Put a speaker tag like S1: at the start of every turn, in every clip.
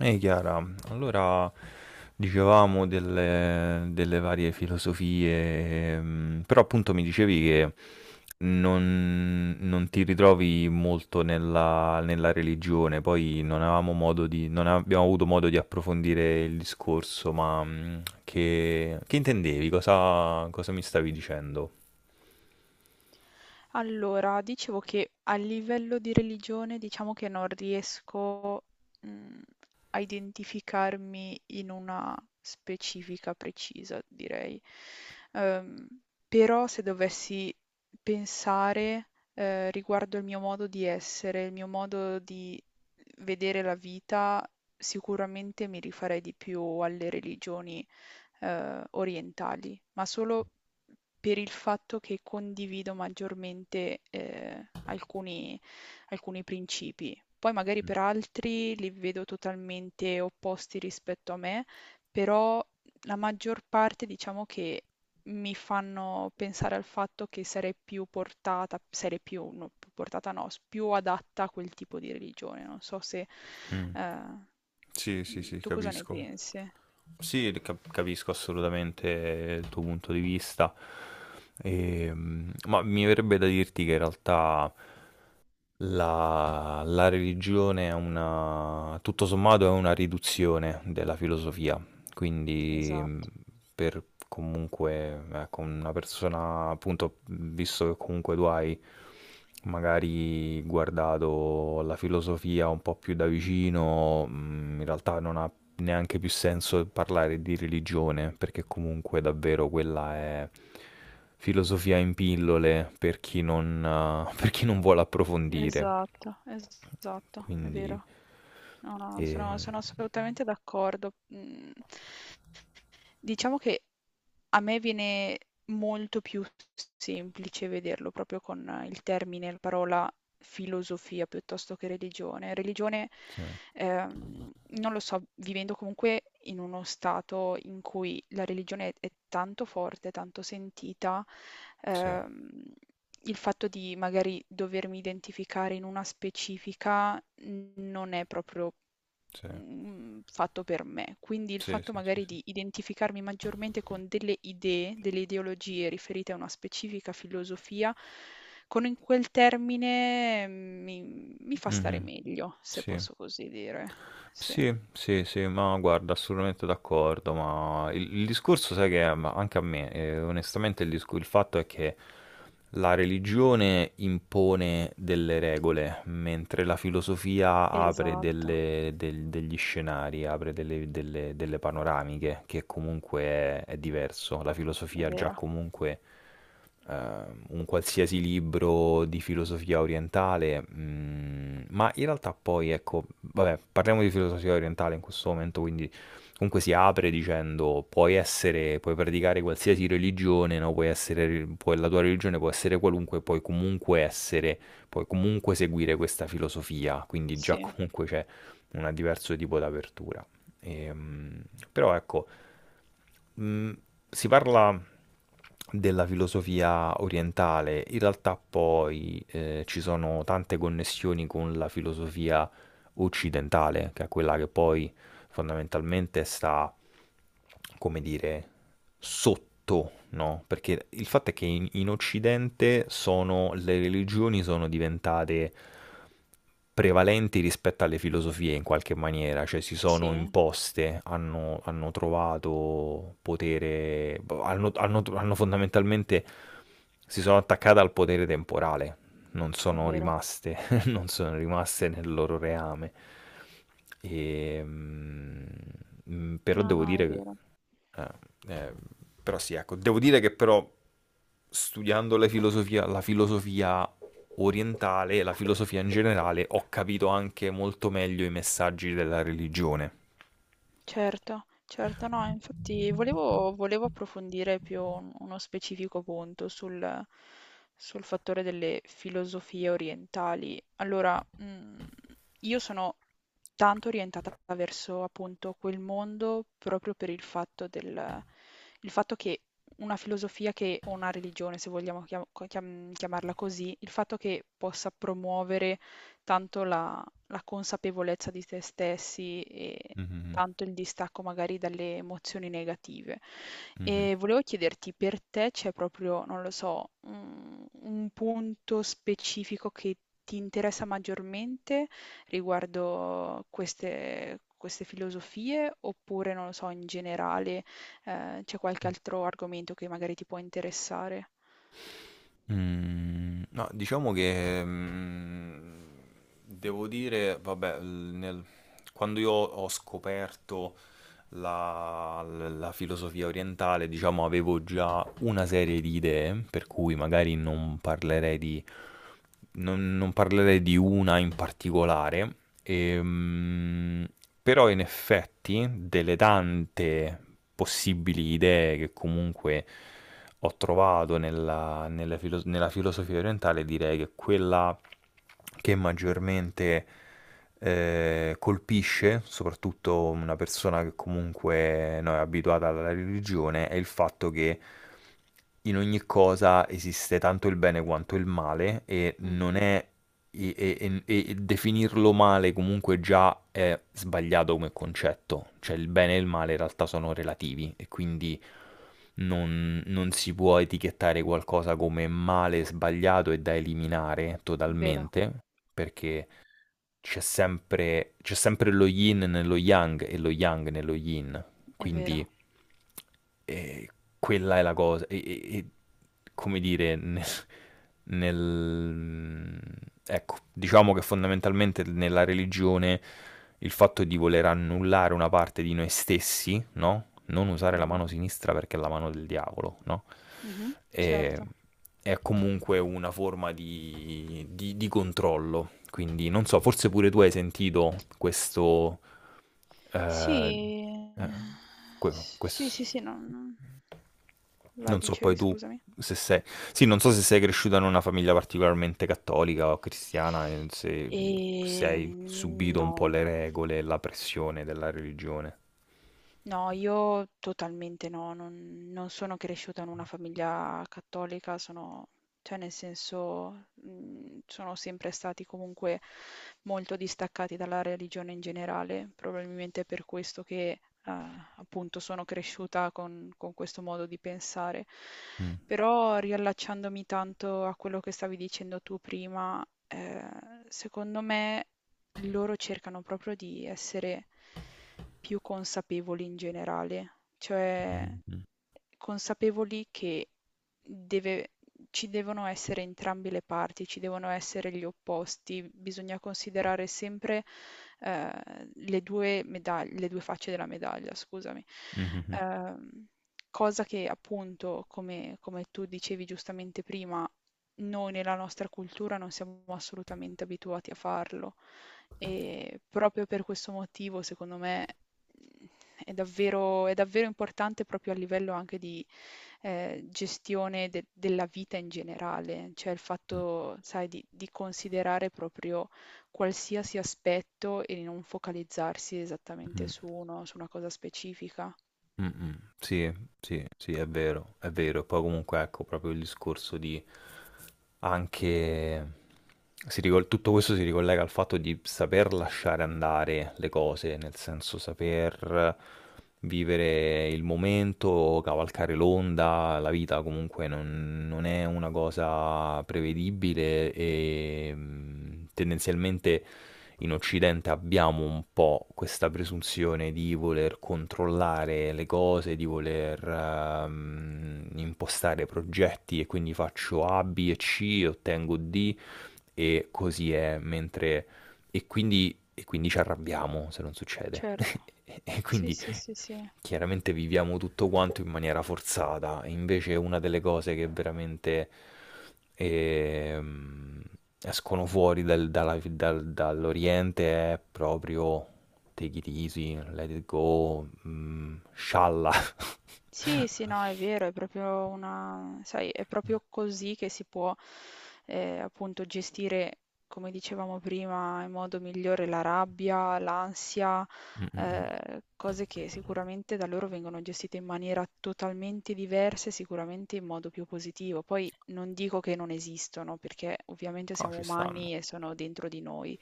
S1: Ehi Chiara, allora dicevamo delle varie filosofie, però appunto mi dicevi che non ti ritrovi molto nella religione, poi non abbiamo avuto modo di approfondire il discorso, ma che intendevi? Cosa mi stavi dicendo?
S2: Allora, dicevo che a livello di religione diciamo che non riesco, mhmm, a identificarmi in una specifica precisa, direi. Uhm, Però se dovessi pensare, riguardo il mio modo di essere, il mio modo di vedere la vita, sicuramente mi rifarei di più alle religioni, orientali, ma solo per il fatto che condivido maggiormente, alcuni principi. Poi magari per altri li vedo totalmente opposti rispetto a me, però la maggior parte diciamo che mi fanno pensare al fatto che sarei più portata sarei più no, più portata no, s più adatta a quel tipo di religione. Non so se
S1: Mm.
S2: ehm,
S1: Sì, sì,
S2: mhmm,
S1: sì,
S2: tu cosa ne
S1: capisco.
S2: pensi?
S1: Sì, capisco assolutamente il tuo punto di vista. Ma mi verrebbe da dirti che in realtà la religione è una, tutto sommato è una riduzione della filosofia, quindi
S2: Esatto,
S1: per comunque, ecco, una persona, appunto, visto che comunque tu hai magari guardato la filosofia un po' più da vicino, in realtà non ha neanche più senso parlare di religione, perché comunque davvero quella è filosofia in pillole per chi non vuole approfondire.
S2: esatto, è
S1: Quindi,
S2: vero. No, no,
S1: eh,
S2: sono assolutamente d'accordo. Mm. Diciamo che a me viene molto più semplice vederlo proprio con il termine, la parola filosofia piuttosto che religione. Religione,
S1: sì,
S2: ehm, non lo so, vivendo comunque in uno stato in cui è tanto forte, tanto sentita,
S1: sì,
S2: ehm, il fatto di magari dovermi identificare in una specifica non è proprio
S1: sì,
S2: mhmm, fatto per me. Quindi il
S1: sì,
S2: fatto
S1: sì, sì,
S2: magari
S1: sì.
S2: di identificarmi maggiormente con delle idee, delle ideologie riferite a una specifica filosofia, con in quel termine mi fa stare
S1: Mhm,
S2: meglio, se
S1: sì.
S2: posso così dire. Sì.
S1: Sì, sì, sì, ma guarda, assolutamente d'accordo, ma il discorso, sai che è, ma anche a me, onestamente, il fatto è che la religione impone delle regole, mentre la filosofia apre
S2: Esatto,
S1: degli scenari, apre delle panoramiche, che comunque è diverso. La
S2: è
S1: filosofia già
S2: vero.
S1: comunque eh, un qualsiasi libro di filosofia orientale, ma in realtà poi, ecco, vabbè, parliamo di filosofia orientale in questo momento, quindi comunque si apre dicendo puoi essere, puoi praticare qualsiasi religione, no? Puoi essere, la tua religione può essere qualunque, puoi comunque essere, puoi comunque seguire questa filosofia, quindi già
S2: Sì,
S1: comunque c'è un diverso tipo d'apertura. Ehm, Però ecco, Mm, si parla della filosofia orientale, in realtà poi ci sono tante connessioni con la filosofia occidentale, che è quella che poi fondamentalmente sta come dire, sotto, no? Perché il fatto è che in, in Occidente sono, le religioni sono diventate prevalenti rispetto alle filosofie in qualche maniera, cioè si sono
S2: sì,
S1: imposte, hanno trovato potere, hanno fondamentalmente si sono attaccate al potere temporale, non
S2: è
S1: sono
S2: vero.
S1: rimaste non sono rimaste nel loro reame. E, però
S2: No,
S1: devo
S2: no, è
S1: dire,
S2: vero.
S1: eh, eh, però sì, ecco, devo dire che però studiando la filosofia orientale e la filosofia in generale ho capito anche molto meglio i messaggi della religione.
S2: Certo, certo, no, infatti volevo approfondire più uno specifico punto sul fattore delle filosofie orientali. Allora, io sono tanto orientata verso appunto quel mondo proprio per il fatto il fatto che una filosofia che, o una religione, se vogliamo chiamarla così, il fatto che possa promuovere tanto la, la consapevolezza di se stessi
S1: Mhm,
S2: tanto il distacco magari dalle emozioni negative.
S1: mhm.
S2: E volevo chiederti, per te c'è proprio, non lo so, un punto specifico che ti interessa maggiormente riguardo queste filosofie, oppure, non lo so, in generale, c'è qualche altro argomento che magari ti può interessare?
S1: Mm, no, diciamo che devo dire, vabbè, quando io ho scoperto la filosofia orientale, diciamo, avevo già una serie di idee, per cui magari non parlerei di una in particolare, ehm, però in effetti delle tante possibili idee che comunque ho trovato nella filosofia orientale, direi che quella che maggiormente colpisce soprattutto una persona che comunque no, è abituata alla religione è il fatto che in ogni cosa esiste tanto il bene quanto il male e non
S2: Mhm.
S1: è e definirlo male comunque già è sbagliato come concetto, cioè il bene e il male in realtà sono relativi e quindi non si può etichettare qualcosa come male sbagliato e da eliminare
S2: È vero,
S1: totalmente, perché c'è sempre lo yin nello yang e lo yang nello yin.
S2: è vero.
S1: Quindi eh, quella è la cosa. Come dire, nel- ecco, diciamo che fondamentalmente nella religione il fatto di voler annullare una parte di noi stessi, no? Non usare la
S2: Mhm,
S1: mano sinistra perché è la mano del diavolo, no?
S2: mhm.
S1: E-
S2: Certo.
S1: è comunque una forma di, di controllo. Quindi non so, forse pure tu hai sentito questo...
S2: Sì,
S1: eh, eh,
S2: ehm, s sì,
S1: questo
S2: sì, non... Vai,
S1: non so poi
S2: dicevi,
S1: tu
S2: scusami.
S1: se sei... Sì, non so se sei cresciuta in una famiglia particolarmente cattolica o cristiana, e se, se hai subito un po'
S2: No.
S1: le regole e la pressione della religione.
S2: No, io totalmente no, non sono cresciuta in una famiglia cattolica, sono, cioè nel senso, sono sempre stati comunque molto distaccati dalla religione in generale, probabilmente è per questo che appunto sono cresciuta con questo modo di pensare.
S1: Mm,
S2: Però riallacciandomi tanto a quello che stavi dicendo tu prima, secondo me loro cercano proprio di essere più consapevoli in generale, cioè
S1: mm, mm,
S2: consapevoli che deve ci devono essere entrambe le parti, ci devono essere gli opposti, bisogna considerare sempre, le 2 facce della medaglia, scusami.
S1: mm, mm,
S2: Ehm, cosa che appunto, come tu dicevi giustamente prima, noi nella nostra cultura non siamo assolutamente abituati a farlo e proprio per questo motivo, secondo me, è davvero importante proprio a livello anche gestione de della vita in generale, cioè il
S1: mm,
S2: fatto, sai, di considerare proprio qualsiasi aspetto e di non focalizzarsi esattamente
S1: mm.
S2: su una cosa specifica.
S1: Mm, mm. Sì, sì, sì, è vero, è vero. E poi comunque ecco proprio il discorso di anche... tutto questo si ricollega al fatto di saper lasciare andare le cose, nel senso saper vivere il momento, cavalcare l'onda, la vita comunque non è una cosa prevedibile e tendenzialmente in Occidente abbiamo un po' questa presunzione di voler controllare le cose, di voler impostare progetti e quindi faccio A, B e C, ottengo D e così è, mentre... e quindi ci arrabbiamo se non succede.
S2: Certo,
S1: E
S2: sì,
S1: quindi
S2: sì, sì, sì.
S1: chiaramente viviamo tutto quanto in maniera forzata, e invece una delle cose che veramente ehm, escono fuori dall'Oriente è proprio take it easy, let it go, scialla.
S2: Sì, sì, no, è vero, è proprio una, sai, è proprio così che si può appunto gestire, come dicevamo prima, in modo migliore la rabbia, l'ansia,
S1: Mm, mm, mm.
S2: cose che sicuramente da loro vengono gestite in maniera totalmente diversa e sicuramente in modo più positivo. Poi non dico che non esistono, perché ovviamente
S1: No,
S2: siamo
S1: ci stanno,
S2: umani e sono dentro di noi.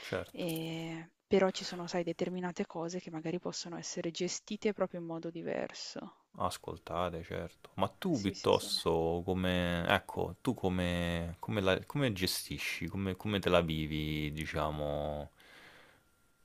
S1: certo.
S2: Però ci sono, sai, determinate cose che magari possono essere gestite proprio in modo diverso.
S1: Ascoltare, certo. Ma tu
S2: Sì, sì, sì.
S1: piuttosto come, ecco, tu come, come gestisci, come te la vivi, diciamo,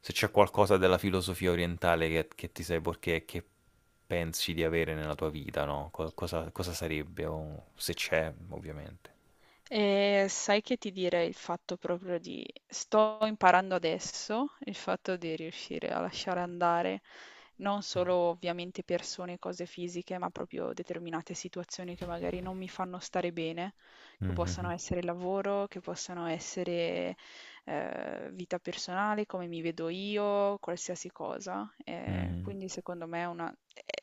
S1: se c'è qualcosa della filosofia orientale che ti sei perché che pensi di avere nella tua vita, no? Cosa, cosa sarebbe, o se c'è, ovviamente.
S2: E sai che ti direi il fatto proprio di sto imparando adesso, il fatto di riuscire a lasciare andare non
S1: Mm.
S2: solo ovviamente persone, cose fisiche, ma proprio determinate situazioni che magari non mi fanno stare bene, che possono
S1: Mhm,
S2: essere il lavoro, che possono essere vita personale, come mi vedo io, qualsiasi cosa.
S1: mhm,
S2: Quindi secondo me è una...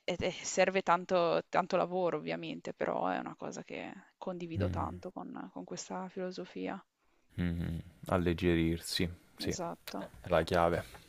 S2: serve tanto, tanto lavoro ovviamente, però è una cosa che condivido
S1: mhm,
S2: tanto con questa filosofia.
S1: mhm. Alleggerirsi, sì,
S2: Esatto.
S1: è la chiave.